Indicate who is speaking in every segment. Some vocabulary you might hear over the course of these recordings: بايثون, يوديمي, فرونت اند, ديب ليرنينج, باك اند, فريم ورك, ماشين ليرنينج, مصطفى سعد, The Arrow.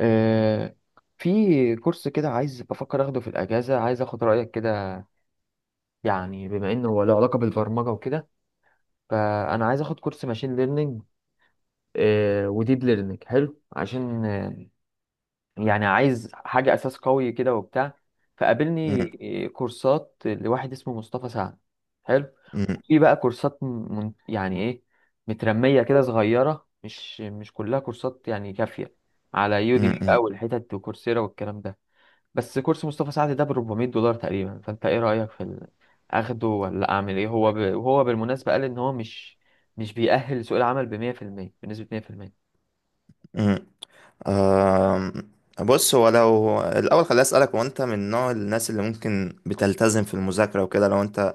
Speaker 1: آه، في كورس كده عايز بفكر اخده في الاجازه، عايز اخد رايك كده. يعني بما انه هو له علاقه بالبرمجه وكده، فانا عايز اخد كورس ماشين ليرنينج وديب ليرنينج. حلو عشان يعني عايز حاجه اساس قوي كده وبتاع.
Speaker 2: مم.
Speaker 1: فقابلني كورسات لواحد اسمه مصطفى سعد. حلو.
Speaker 2: مم.
Speaker 1: في بقى كورسات من يعني ايه، مترميه كده صغيره، مش كلها كورسات يعني كافيه على يوديمي بقى
Speaker 2: مم.
Speaker 1: والحتت وكورسيرا والكلام ده. بس كورس مصطفى سعد ده ب $400 تقريبا، فانت ايه رأيك في ال... اخده ولا اعمل ايه؟ هو ب... وهو بالمناسبة قال ان هو مش بيأهل لسوق العمل ب 100%، بنسبة 100%.
Speaker 2: مم. آم، بص، هو لو الأول خليني أسألك، هو أنت من نوع الناس اللي ممكن بتلتزم في المذاكرة وكده؟ لو أنت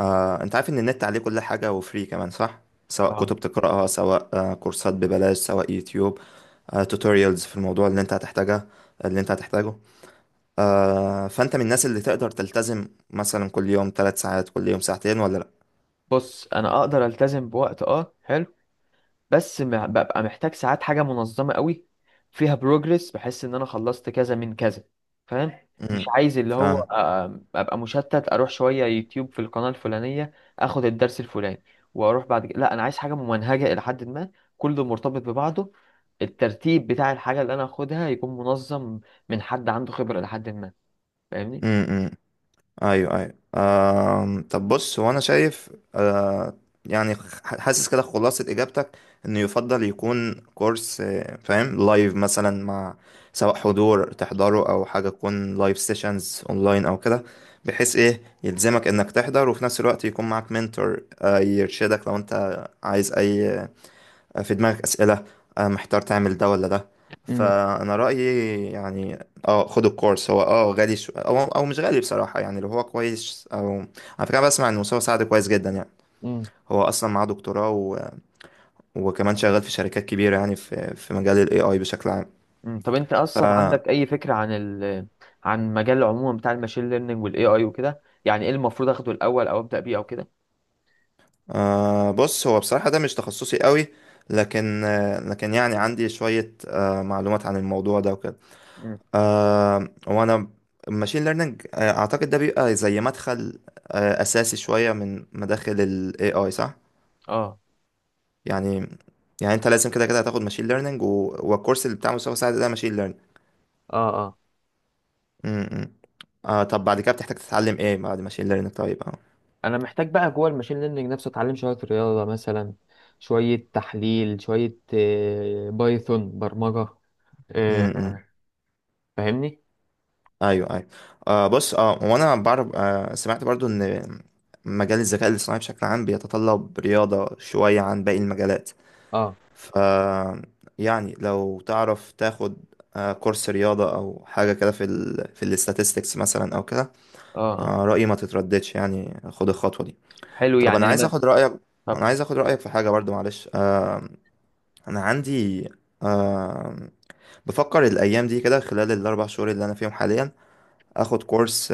Speaker 2: أنت عارف إن النت عليه كل حاجة وفري كمان، صح؟ سواء
Speaker 1: اه.
Speaker 2: كتب تقرأها، سواء كورسات ببلاش، سواء يوتيوب توتوريالز في الموضوع اللي أنت هتحتاجها، اللي أنت هتحتاجه فأنت من الناس اللي تقدر تلتزم مثلا كل يوم 3 ساعات، كل يوم ساعتين، ولا لأ؟
Speaker 1: بص انا اقدر التزم بوقت، اه حلو، بس ببقى محتاج ساعات حاجة منظمة قوي، فيها بروجرس، بحس ان انا خلصت كذا من كذا. فاهم؟ مش
Speaker 2: مم.
Speaker 1: عايز اللي هو
Speaker 2: فاهم.
Speaker 1: ابقى مشتت، اروح شوية يوتيوب في القناة الفلانية، اخد الدرس الفلاني، واروح بعد كده. لا، انا عايز حاجة ممنهجة الى حد ما، كله مرتبط ببعضه، الترتيب بتاع الحاجة اللي انا اخدها يكون منظم، من حد عنده خبرة الى حد ما. فاهمني؟
Speaker 2: م- م- ايوه ايوه. طب بص، هو انا شايف يعني حاسس كده خلاصة اجابتك انه يفضل يكون كورس فاهم، لايف مثلا، مع، سواء حضور تحضره او حاجة تكون لايف سيشنز اونلاين او كده، بحيث ايه يلزمك انك تحضر، وفي نفس الوقت يكون معاك منتور يرشدك لو انت عايز اي، في دماغك أسئلة، محتار تعمل ده ولا ده. فأنا رأيي يعني اه، خد الكورس، هو اه غالي. أو مش غالي بصراحة، يعني لو هو كويس. أو على فكرة أنا بسمع إن مستوى سعد كويس جدا يعني.
Speaker 1: امم
Speaker 2: هو أصلا معاه دكتوراه وكمان شغال في شركات كبيرة، يعني في مجال ال AI بشكل عام.
Speaker 1: مم. طب انت
Speaker 2: ف
Speaker 1: اصلا عندك اي فكره عن عن مجال عموما بتاع الماشين ليرنينج والاي اي وكده؟ يعني ايه المفروض اخده الاول او ابدا بيه او كده؟
Speaker 2: بص، هو بصراحة ده مش تخصصي قوي، لكن لكن يعني عندي شوية معلومات عن الموضوع ده وكده.
Speaker 1: مم.
Speaker 2: آه وانا الماشين ليرنينج اعتقد ده بيبقى زي مدخل اساسي شويه من مداخل ال AI، صح؟
Speaker 1: اه
Speaker 2: يعني انت لازم كده كده هتاخد ماشين ليرنينج، والكورس اللي بتاع مستوى ساعد ده ماشين ليرنينج.
Speaker 1: اه. اه،
Speaker 2: امم. طب بعد كده بتحتاج تتعلم ايه بعد ماشين ليرنينج؟ طيب، اه.
Speaker 1: انا محتاج بقى جوه الماشين ليرنينج نفسه اتعلم شويه رياضه مثلا، شوية تحليل، شوية بايثون برمجة. مم.
Speaker 2: امم.
Speaker 1: فاهمني؟
Speaker 2: ايوه ايوه. بص، اه، وانا بعرف آه سمعت برضو ان مجال الذكاء الاصطناعي بشكل عام بيتطلب رياضه شويه عن باقي المجالات.
Speaker 1: اه
Speaker 2: ف يعني لو تعرف تاخد كورس رياضة أو حاجة كده في الاستاتستكس مثلا أو كده،
Speaker 1: اه. اه
Speaker 2: رأيي ما تترددش، يعني خد الخطوة دي.
Speaker 1: حلو.
Speaker 2: طب
Speaker 1: يعني
Speaker 2: أنا عايز
Speaker 1: لما
Speaker 2: أخد رأيك
Speaker 1: طب
Speaker 2: أنا عايز أخد رأيك في حاجة برضو، معلش. أنا عندي آه، بفكر الأيام دي كده، خلال ال4 شهور اللي أنا فيهم حاليا، أخد كورس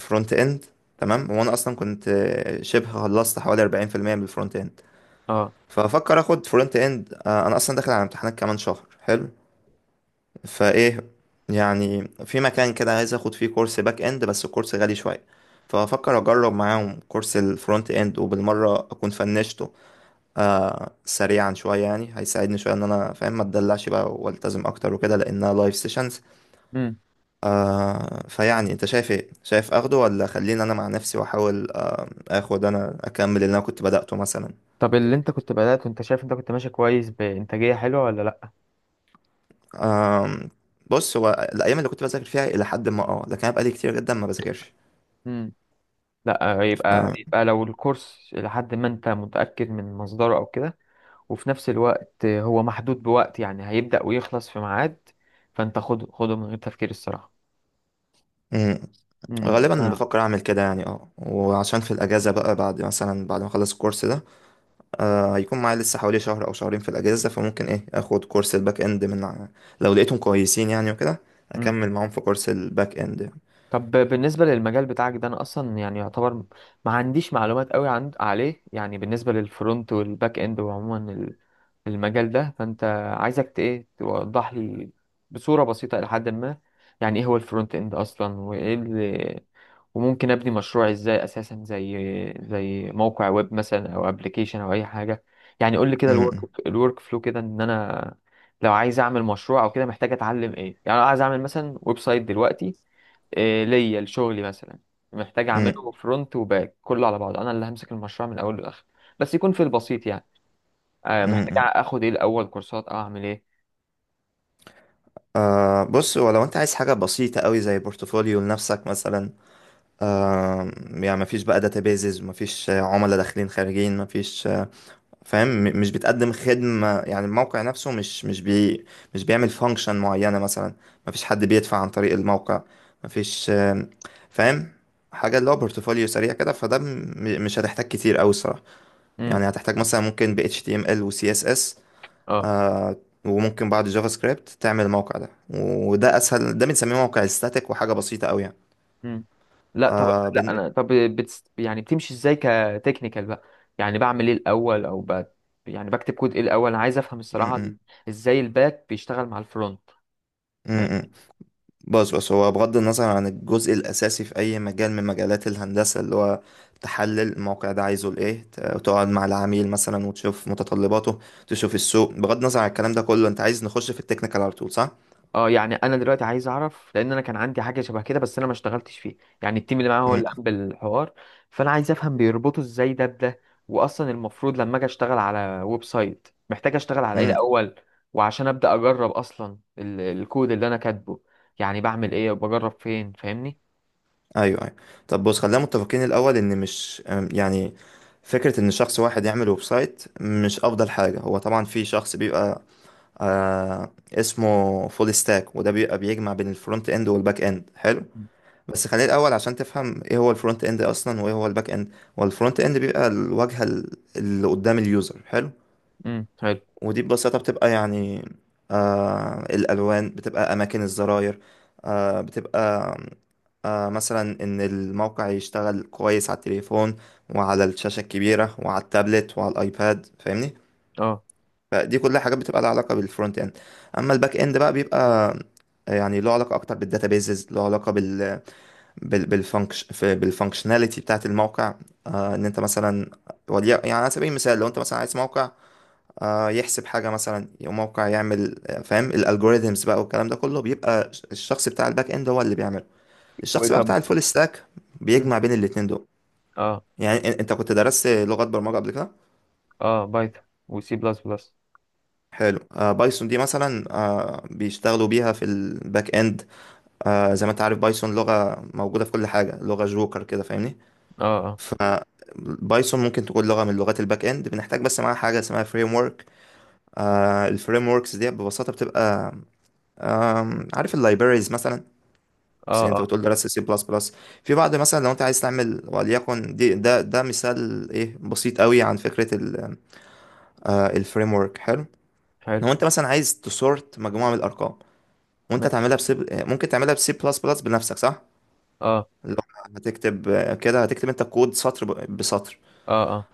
Speaker 2: فرونت إند. تمام. وأنا أصلا كنت شبه خلصت حوالي 40% من الفرونت إند،
Speaker 1: اه.
Speaker 2: فأفكر أخد فرونت إند. أنا أصلا داخل على امتحانات كمان شهر، حلو. فايه يعني في مكان كده عايز اخد فيه كورس باك اند، بس الكورس غالي شويه، فافكر اجرب معاهم كورس الفرونت اند، وبالمره اكون فنشته سريعا شويه. يعني هيساعدني شويه ان انا فاهم، ما اتدلعش بقى والتزم اكتر وكده، لانها لايف سيشنز.
Speaker 1: امم.
Speaker 2: فيعني انت شايف ايه؟ شايف اخده، ولا خليني انا مع نفسي واحاول اخد، انا اكمل اللي انا كنت بدأته مثلا؟
Speaker 1: طب اللي انت كنت بدأت وانت شايف انت كنت ماشي كويس بإنتاجية حلوة ولا؟
Speaker 2: آه بص، هو الايام اللي كنت بذاكر فيها الى حد ما اه، لكن انا بقالي كتير جدا ما بذاكرش.
Speaker 1: لا لا،
Speaker 2: ف-
Speaker 1: يبقى يبقى لو الكورس لحد ما انت متأكد من مصدره او كده، وفي نفس الوقت هو محدود بوقت، يعني هيبدأ ويخلص في ميعاد، فانت خده، خده من غير تفكير الصراحة.
Speaker 2: غالبا بفكر اعمل كده يعني، اه. وعشان في الاجازه بقى، بعد مثلا بعد ما اخلص الكورس ده هيكون معايا لسه حوالي شهر او شهرين في الاجازه، فممكن ايه اخد كورس الباك اند. لو لقيتهم كويسين يعني وكده،
Speaker 1: امم.
Speaker 2: اكمل معاهم في كورس الباك اند.
Speaker 1: طب بالنسبة للمجال بتاعك ده، أنا أصلا يعني يعتبر ما عنديش معلومات قوي عن عليه، يعني بالنسبة للفرونت والباك إند وعموما المجال ده. فأنت عايزك إيه توضح لي بصورة بسيطة إلى حد ما، يعني إيه هو الفرونت إند أصلا، وإيه اللي وممكن أبني مشروع إزاي أساسا زي زي موقع ويب مثلا أو أبلكيشن أو أي حاجة. يعني قول لي كده الورك
Speaker 2: امم.
Speaker 1: الورك فلو كده إن أنا، لو عايز أعمل مشروع أو كده، محتاج أتعلم إيه؟ يعني لو عايز أعمل مثلا ويب سايت دلوقتي، إيه ليا لشغلي مثلا، محتاج
Speaker 2: امم.
Speaker 1: اعمله فرونت وباك كله على بعضه، انا اللي همسك المشروع من الاول للاخر، بس يكون في البسيط يعني. آه، محتاج
Speaker 2: امم.
Speaker 1: اخد ايه الاول؟ كورسات او اعمل ايه؟
Speaker 2: بص، ولو انت عايز حاجه بسيطه قوي زي بورتفوليو لنفسك مثلا، يعني مفيش بقى داتابيزز، مفيش عملاء داخلين خارجين، مفيش فاهم، مش بتقدم خدمة. يعني الموقع نفسه مش بيعمل فانكشن معينة مثلا. مفيش حد بيدفع عن طريق الموقع، مفيش، فاهم، حاجة اللي هو بورتفوليو سريع كده. فده مش هتحتاج كتير أوي الصراحة.
Speaker 1: امم.
Speaker 2: يعني هتحتاج مثلا، ممكن ب HTML و CSS.
Speaker 1: اه.
Speaker 2: آه وممكن بعد جافا سكريبت تعمل الموقع ده. وده أسهل، ده بنسميه موقع استاتيك، وحاجة بسيطة أوي يعني.
Speaker 1: امم. لا طب،
Speaker 2: آه
Speaker 1: لا
Speaker 2: بن...
Speaker 1: انا طب بتس يعني بتمشي ازاي كتكنيكال بقى؟ يعني بعمل ايه الاول او ب... يعني بكتب كود ايه الاول؟ انا عايز افهم
Speaker 2: م-
Speaker 1: الصراحه
Speaker 2: م-
Speaker 1: ازاي الباك بيشتغل مع الفرونت.
Speaker 2: م- م. بص هو بغض النظر عن الجزء الأساسي في أي مجال من مجالات الهندسة، اللي هو تحلل الموقع ده عايزه لإيه، وتقعد مع العميل مثلا وتشوف متطلباته، تشوف السوق، بغض النظر عن الكلام ده كله، أنت عايز نخش في التكنيكال على طول، صح؟
Speaker 1: اه، يعني انا دلوقتي عايز اعرف، لان انا كان عندي حاجه شبه كده بس انا ما اشتغلتش فيه، يعني التيم اللي معايا هو
Speaker 2: امم.
Speaker 1: اللي قام بالحوار. فانا عايز افهم بيربطوا ازاي ده بده، واصلا المفروض لما اجي اشتغل على ويب سايت محتاج اشتغل على ايه
Speaker 2: امم.
Speaker 1: الاول، وعشان ابدا اجرب اصلا الكود اللي انا كاتبه. يعني بعمل ايه وبجرب فين؟ فاهمني؟
Speaker 2: أيوه أيوه. طب بص، خلينا متفقين الأول إن مش، يعني فكرة إن شخص واحد يعمل ويب سايت مش أفضل حاجة. هو طبعا في شخص بيبقى اسمه فول ستاك، وده بيبقى بيجمع بين الفرونت إند والباك إند. حلو. بس خلينا الاول عشان تفهم ايه هو الفرونت اند اصلا، وايه هو الباك اند. هو الفرونت اند بيبقى الواجهه، اللي قدام اليوزر، حلو.
Speaker 1: حلو.
Speaker 2: ودي ببساطه بتبقى يعني، الالوان، بتبقى اماكن الزراير، بتبقى مثلا ان الموقع يشتغل كويس على التليفون، وعلى الشاشه الكبيره، وعلى التابلت، وعلى الايباد، فاهمني.
Speaker 1: اه
Speaker 2: فدي كلها حاجات بتبقى لها علاقه بالفرونت اند. اما الباك اند بقى، بيبقى يعني له علاقه اكتر بالداتابيزز، له علاقه بالفانكشناليتي بتاعت الموقع. ان انت مثلا، يعني على سبيل المثال، لو انت مثلا عايز موقع يحسب حاجه مثلا، او موقع يعمل فاهم، الالجوريزمز بقى والكلام ده كله، بيبقى الشخص بتاع الباك اند هو اللي بيعمله. الشخص بقى
Speaker 1: وطب.
Speaker 2: بتاع الفول ستاك
Speaker 1: مم.
Speaker 2: بيجمع بين الاتنين دول.
Speaker 1: اه
Speaker 2: يعني انت كنت درست لغات برمجه قبل كده.
Speaker 1: اه. بايثون وسي بلس بلس.
Speaker 2: حلو. بايثون دي مثلا بيشتغلوا بيها في الباك اند. زي ما انت عارف، بايثون لغه موجوده في كل حاجه، لغه جوكر كده، فاهمني.
Speaker 1: اه اه
Speaker 2: فبايثون ممكن تكون لغة من لغات الباك اند، بنحتاج بس معاها حاجة اسمها فريم ورك. الفريم وركس دي ببساطة بتبقى، عارف اللايبريز مثلا؟ بس
Speaker 1: اه
Speaker 2: انت
Speaker 1: اه.
Speaker 2: بتقول درست سي بلس بلس. في بعض، مثلا لو انت عايز تعمل، وليكن دي ده مثال ايه بسيط قوي عن فكرة الفريم ورك. حلو.
Speaker 1: حلو.
Speaker 2: لو انت مثلا عايز تسورت مجموعة من الارقام، وانت
Speaker 1: ماشي.
Speaker 2: تعملها بسي، ممكن تعملها بسي بلس بلس بنفسك، صح؟
Speaker 1: اه
Speaker 2: لو هتكتب كده، هتكتب انت كود سطر بسطر.
Speaker 1: اه اه.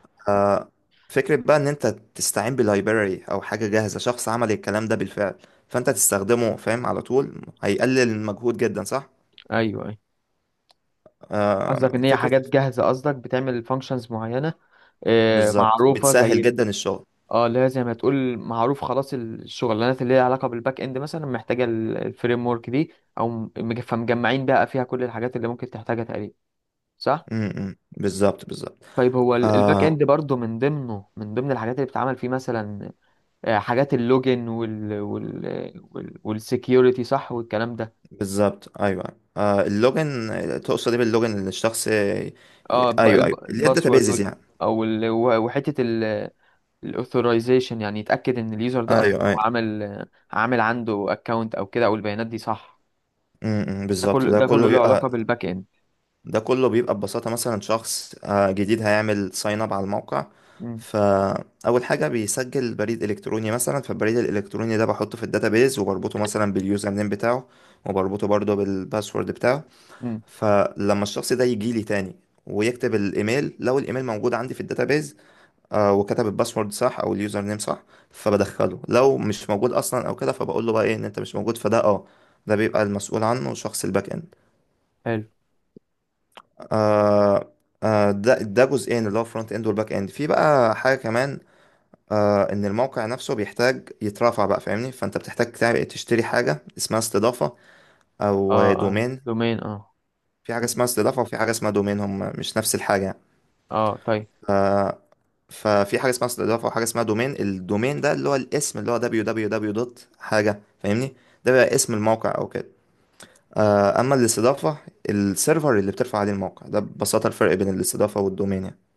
Speaker 2: فكرة بقى، ان انت تستعين بلايبراري او حاجة جاهزة، شخص عمل الكلام ده بالفعل، فانت تستخدمه، فاهم، على طول هيقلل المجهود جدا، صح؟
Speaker 1: ايوه أيوه. قصدك ان هي
Speaker 2: فكرة.
Speaker 1: حاجات جاهزه، قصدك بتعمل فانكشنز معينه، مم.
Speaker 2: بالظبط،
Speaker 1: معروفه
Speaker 2: بتسهل
Speaker 1: زي
Speaker 2: جدا الشغل.
Speaker 1: اه، اللي هي زي ما تقول معروف خلاص الشغلانات اللي ليها علاقه بالباك اند مثلا محتاجه الفريم ورك دي، او فمجمعين بقى فيها كل الحاجات اللي ممكن تحتاجها تقريبا، صح؟
Speaker 2: امم، بالظبط بالظبط.
Speaker 1: طيب هو الباك
Speaker 2: آه
Speaker 1: اند برضه من ضمنه من ضمن الحاجات اللي بتتعمل فيه مثلا، حاجات اللوجن وال والسكيورتي، صح؟ والكلام ده.
Speaker 2: بالظبط، ايوه. اللوجن، تقصد ايه باللوجن؟ اللي الشخص
Speaker 1: اه،
Speaker 2: ايوه ايوه، اللي هي
Speaker 1: الباسورد
Speaker 2: الداتابيزز يعني.
Speaker 1: او وحته الاثورايزيشن، يعني يتاكد ان اليوزر ده اصلا
Speaker 2: ايوه
Speaker 1: هو
Speaker 2: ايوه.
Speaker 1: عامل عنده اكونت او كده، او البيانات دي صح.
Speaker 2: امم،
Speaker 1: ده
Speaker 2: بالظبط
Speaker 1: كله،
Speaker 2: ده
Speaker 1: ده كله
Speaker 2: كله.
Speaker 1: له علاقه بالباك اند.
Speaker 2: ده كله بيبقى ببساطة مثلا، شخص جديد هيعمل ساين اب على الموقع،
Speaker 1: امم.
Speaker 2: فأول حاجة بيسجل بريد إلكتروني مثلا، فالبريد الإلكتروني ده بحطه في الداتابيز، وبربطه مثلا باليوزر نيم بتاعه، وبربطه برضه بالباسورد بتاعه.
Speaker 1: امم
Speaker 2: فلما الشخص ده يجي لي تاني ويكتب الإيميل، لو الإيميل موجود عندي في الداتابيز، وكتب الباسورد صح أو اليوزر نيم صح، فبدخله. لو مش موجود أصلا أو كده، فبقول له بقى إيه، إن أنت مش موجود. فده أه، ده بيبقى المسؤول عنه شخص الباك إند.
Speaker 1: حلو.
Speaker 2: آه ده جزئين، اللي هو فرونت اند والباك اند. في بقى حاجه كمان، ان الموقع نفسه بيحتاج يترافع بقى، فاهمني. فانت بتحتاج تعمل، تشتري حاجه اسمها استضافه
Speaker 1: اه
Speaker 2: او
Speaker 1: اه
Speaker 2: دومين.
Speaker 1: دومين اه.
Speaker 2: في حاجه
Speaker 1: مم.
Speaker 2: اسمها استضافه، وفي حاجه اسمها دومين، هم مش نفس الحاجه يعني.
Speaker 1: اه طيب.
Speaker 2: ففي حاجه اسمها استضافه، وحاجه اسمها دومين. الدومين ده اللي هو الاسم، اللي هو www دوت حاجه، فاهمني. ده بقى اسم الموقع او كده. اما الاستضافه، السيرفر اللي بترفع عليه الموقع ده. ببساطه الفرق بين الاستضافه والدومين يعني.